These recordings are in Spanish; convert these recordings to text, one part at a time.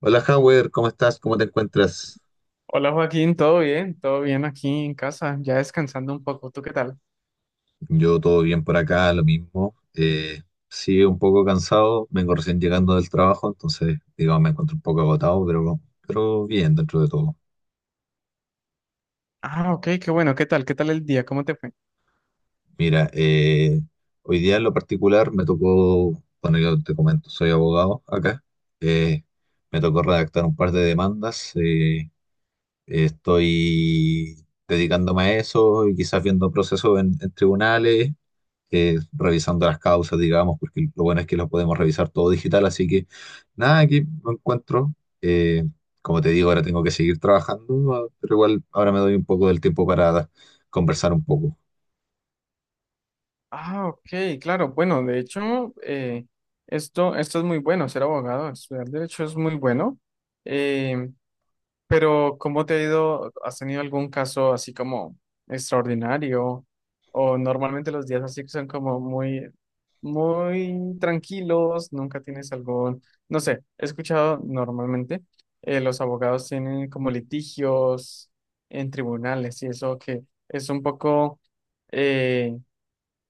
Hola, Howard, ¿cómo estás? ¿Cómo te encuentras? Hola Joaquín, ¿todo bien? ¿Todo bien aquí en casa? Ya descansando un poco, ¿tú qué tal? Yo todo bien por acá, lo mismo. Sí, un poco cansado, vengo recién llegando del trabajo, entonces, digamos, me encuentro un poco agotado, pero bien dentro de todo. Ah, ok, qué bueno, ¿qué tal? ¿Qué tal el día? ¿Cómo te fue? Mira, hoy día en lo particular me tocó, bueno, yo te comento, soy abogado acá, eh, me tocó redactar un par de demandas, estoy dedicándome a eso y quizás viendo procesos en tribunales, revisando las causas, digamos, porque lo bueno es que lo podemos revisar todo digital, así que nada, aquí lo encuentro. Eh, Como te digo, ahora tengo que seguir trabajando, ah, pero igual ahora me doy un poco del tiempo para conversar un poco, Ah, ok, claro, bueno, de hecho, esto es muy bueno, ser abogado, estudiar derecho es muy bueno. Eh, Pero, ¿cómo te ha ido? ¿Has tenido algún caso así como extraordinario? O normalmente los días así que son como muy tranquilos, nunca tienes algún, no sé, he escuchado normalmente los abogados tienen como litigios en tribunales y eso que es un poco eh,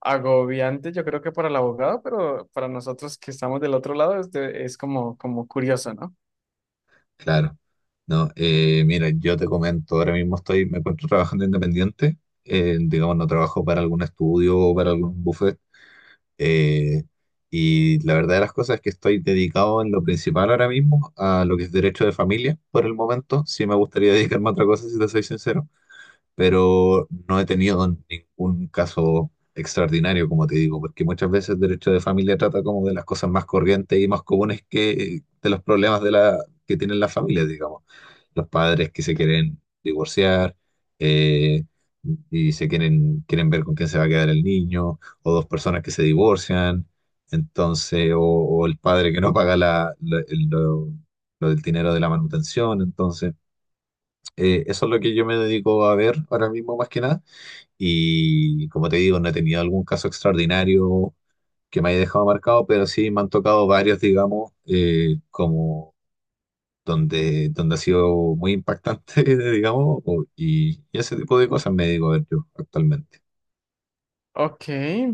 agobiante, yo creo que para el abogado, pero para nosotros que estamos del otro lado es, es como, como curioso, ¿no? claro. No, mira, yo te comento, ahora mismo estoy, me encuentro trabajando independiente, digamos, no trabajo para algún estudio o para algún bufete. Eh, y la verdad de las cosas es que estoy dedicado en lo principal ahora mismo a lo que es derecho de familia por el momento. Sí me gustaría dedicarme a otra cosa, si te soy sincero, pero no he tenido ningún caso extraordinario, como te digo, porque muchas veces el derecho de familia trata como de las cosas más corrientes y más comunes que de los problemas de la, que tienen las familias, digamos, los padres que se quieren divorciar, eh, y se quieren, quieren ver con quién se va a quedar el niño, o dos personas que se divorcian, entonces, o el padre que no paga lo del dinero de la manutención, entonces, eso es lo que yo me dedico a ver ahora mismo más que nada, y como te digo, no he tenido algún caso extraordinario que me haya dejado marcado, pero sí me han tocado varios, digamos, como donde, donde ha sido muy impactante, digamos, y ese tipo de cosas me digo a ver yo actualmente. Ok,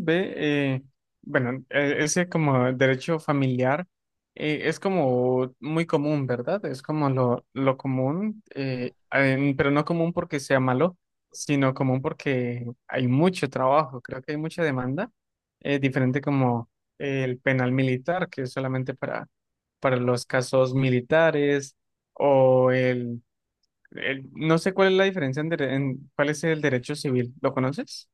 ve, bueno, ese como derecho familiar es como muy común, ¿verdad? Es como lo común, pero no común porque sea malo, sino común porque hay mucho trabajo, creo que hay mucha demanda, diferente como el penal militar, que es solamente para los casos militares o no sé cuál es la diferencia en, cuál es el derecho civil, ¿lo conoces?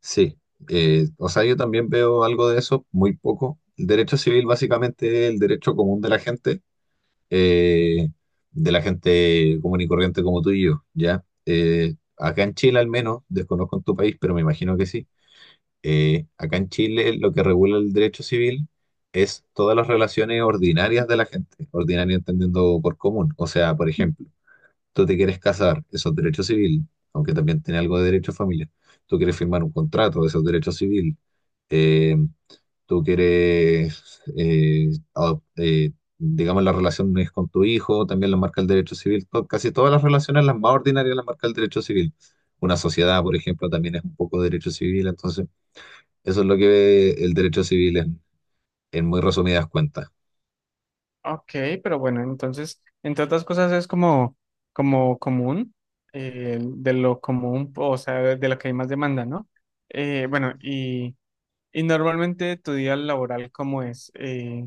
Sí, o sea, yo también veo algo de eso, muy poco. El derecho civil básicamente es el derecho común eh, de la gente común y corriente como tú y yo, ¿ya? Acá en Chile al menos, desconozco en tu país, pero me imagino que sí. Acá en Chile lo que regula el derecho civil es todas las relaciones ordinarias de la gente, ordinaria entendiendo por común. O sea, por ejemplo, tú te quieres casar, eso es derecho civil, aunque también tiene algo de derecho de familia. Tú quieres firmar un contrato, eso es derecho civil. Eh, Tú quieres, digamos, las relaciones con tu hijo, también las marca el derecho civil. Casi todas las relaciones, las más ordinarias, las marca el derecho civil. Una sociedad, por ejemplo, también es un poco derecho civil, entonces... Eso es lo que ve el derecho civil en muy resumidas cuentas. Ok, pero bueno, entonces, entre otras cosas es como, como común, de lo común, o sea, de lo que hay más demanda, ¿no? Bueno, y normalmente tu día laboral, ¿cómo es?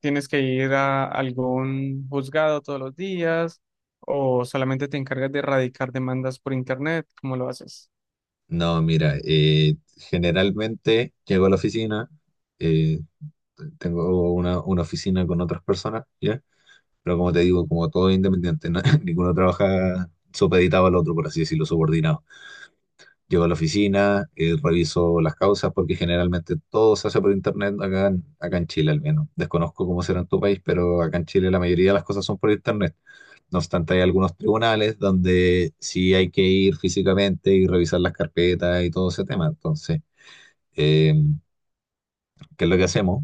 ¿Tienes que ir a algún juzgado todos los días o solamente te encargas de erradicar demandas por internet? ¿Cómo lo haces? No, mira, generalmente llego a la oficina, eh, tengo una oficina con otras personas, ¿ya? Pero como te digo, como todo es independiente, ninguno trabaja supeditado al otro, por así decirlo, subordinado. Llego a la oficina, reviso las causas, porque generalmente todo se hace por internet acá en, acá en Chile al menos. Desconozco cómo será en tu país, pero acá en Chile la mayoría de las cosas son por internet. No obstante, hay algunos tribunales donde sí hay que ir físicamente y revisar las carpetas y todo ese tema. Entonces, eh, que es lo que hacemos,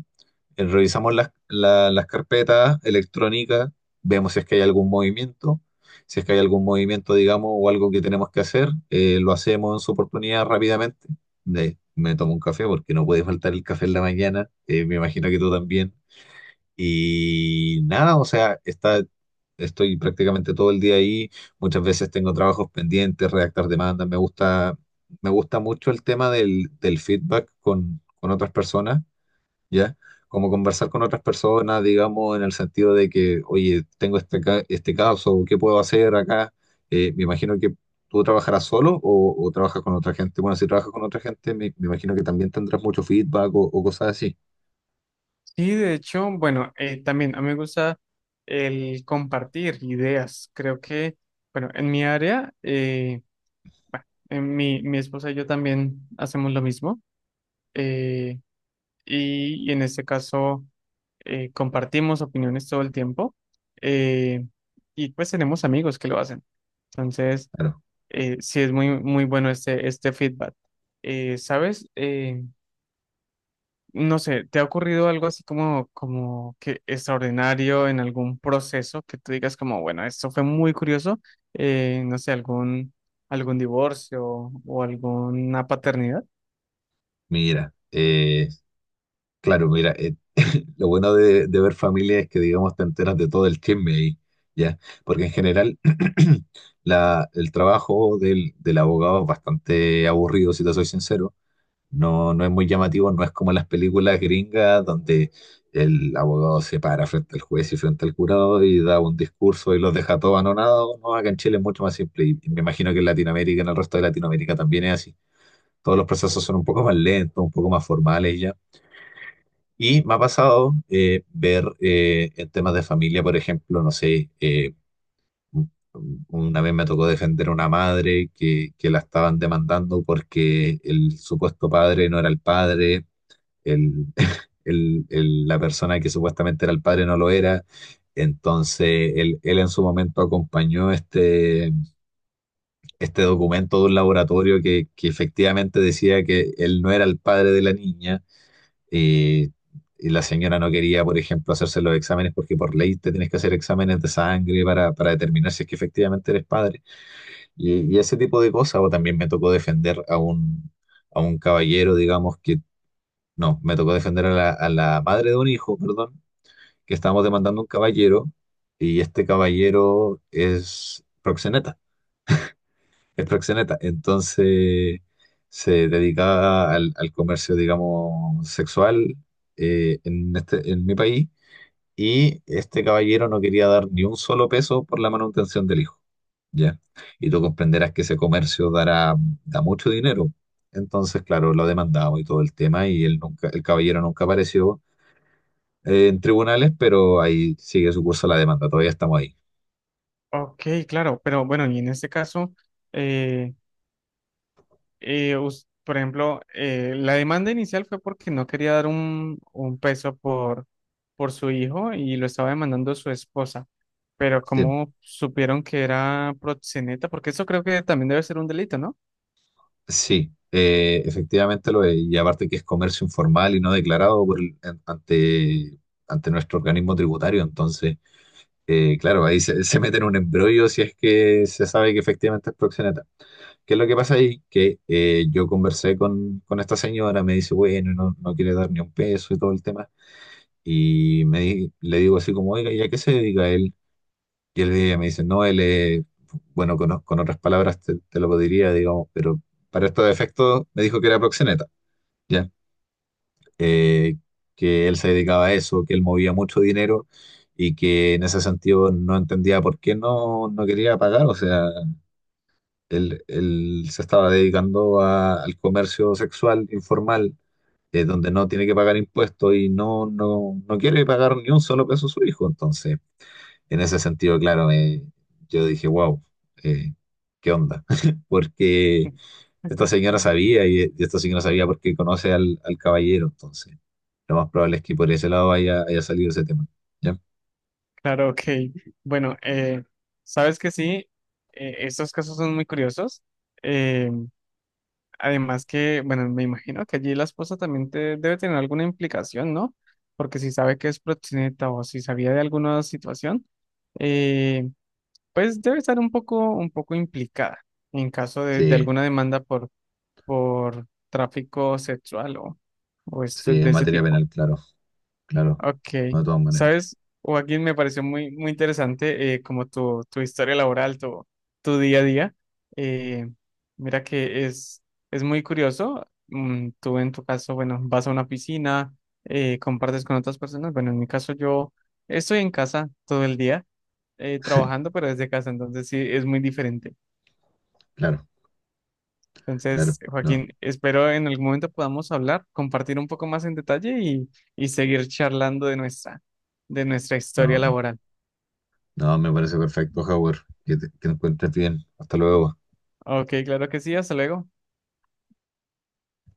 revisamos las carpetas electrónicas, vemos si es que hay algún movimiento, si es que hay algún movimiento, digamos, o algo que tenemos que hacer, lo hacemos en su oportunidad rápidamente. Me tomo un café porque no puede faltar el café en la mañana, me imagino que tú también. Y nada, o sea, está, estoy prácticamente todo el día ahí, muchas veces tengo trabajos pendientes, redactar demandas, me gusta mucho el tema del, del feedback con otras personas, ¿ya? Como conversar con otras personas, digamos, en el sentido de que, oye, tengo este caso, ¿qué puedo hacer acá? Me imagino que tú trabajarás solo o trabajas con otra gente. Bueno, si trabajas con otra gente, me imagino que también tendrás mucho feedback o cosas así. Sí, de hecho, bueno, también a mí me gusta el compartir ideas. Creo que, bueno, en mi área... Mi esposa y yo también hacemos lo mismo eh, y en este caso compartimos opiniones todo el tiempo eh, y pues tenemos amigos que lo hacen. Entonces, Claro, sí es muy, muy bueno este feedback. ¿Sabes? No sé, ¿te ha ocurrido algo así como, como que extraordinario en algún proceso que tú digas como, bueno, esto fue muy curioso? No sé, algún, algún divorcio o alguna paternidad. mira, claro, mira, eh, lo bueno de ver familia es que, digamos, te enteras de todo el chisme ahí, ¿ya? Porque en general... el trabajo del, del abogado es bastante aburrido, si te soy sincero. No, no es muy llamativo, no es como las películas gringas donde el abogado se para frente al juez y frente al jurado y da un discurso y los deja todos anonados. No, acá en Chile es mucho más simple y me imagino que en Latinoamérica, en el resto de Latinoamérica también es así. Todos los procesos son un poco más lentos, un poco más formales y ya. Y me ha pasado, ver, en temas de familia, por ejemplo, no sé, una vez me tocó defender a una madre que la estaban demandando porque el supuesto padre no era el padre, el, la persona que supuestamente era el padre no lo era. Entonces, él en su momento acompañó este, este documento de un laboratorio que efectivamente decía que él no era el padre de la niña. eh, y la señora no quería, por ejemplo, hacerse los exámenes porque por ley te tienes que hacer exámenes de sangre para determinar si es que efectivamente eres padre. Y ese tipo de cosas. O también me tocó defender a un caballero, digamos, que no, me tocó defender a la madre de un hijo, perdón, que estábamos demandando un caballero, y este caballero es proxeneta, es proxeneta. Entonces se dedicaba al, al comercio, digamos, sexual, en este, en mi país, y este caballero no quería dar ni un solo peso por la manutención del hijo, ¿ya? Y tú comprenderás que ese comercio dará, da mucho dinero. Entonces, claro, lo demandamos y todo el tema y él nunca, el caballero nunca apareció, en tribunales, pero ahí sigue su curso la demanda, todavía estamos ahí. Ok, claro, pero bueno, y en este caso, eh, por ejemplo, la demanda inicial fue porque no quería dar un peso por su hijo y lo estaba demandando su esposa, pero Sí, ¿cómo supieron que era proxeneta? Porque eso creo que también debe ser un delito, ¿no? sí, efectivamente lo es. Y aparte que es comercio informal y no declarado por ante, ante nuestro organismo tributario. Entonces, claro, ahí se, se mete en un embrollo si es que se sabe que efectivamente es proxeneta. ¿Qué es lo que pasa ahí? Que yo conversé con esta señora, me dice, bueno, no, no quiere dar ni un peso y todo el tema. Y le digo así como, oiga, ¿y a qué se dedica él? Y él viene y me dice, no, él es, bueno, con otras palabras te, te lo diría, digamos, pero para estos efectos me dijo que era proxeneta, ¿ya? Eh, que él se dedicaba a eso, que él movía mucho dinero y que en ese sentido no entendía por qué no, no quería pagar, o sea, él se estaba dedicando al comercio sexual informal, donde no tiene que pagar impuestos y no, no, no quiere pagar ni un solo peso a su hijo, entonces en ese sentido, claro, yo dije, wow, eh, ¿qué onda? Porque esta señora sabía y esta señora sabía porque conoce al, al caballero, entonces lo más probable es que por ese lado haya, haya salido ese tema. ¿Ya? Claro, ok. Bueno, sabes que sí, estos casos son muy curiosos. eh, Además que, bueno, me imagino que allí la esposa también debe tener alguna implicación, ¿no? Porque si sabe que es proxeneta o si sabía de alguna situación, eh, pues debe estar un poco implicada en caso de Sí, alguna demanda por tráfico sexual o, sí, de en ese materia tipo. penal, claro, claro, Ok, no, de todas maneras, ¿sabes? Joaquín, me pareció muy, muy interesante como tu historia laboral, tu día a día. Eh, mira que es muy curioso. Mm, tú en tu caso, bueno, vas a una piscina, compartes con otras personas. Bueno, en mi caso yo estoy en casa todo el día trabajando, pero desde casa, entonces sí, es muy diferente. claro, Entonces, claro, no, Joaquín, espero en algún momento podamos hablar, compartir un poco más en detalle y seguir charlando de de nuestra historia no, laboral. no, me parece perfecto, Howard, que te encuentres bien, hasta luego. Ok, claro que sí, hasta luego.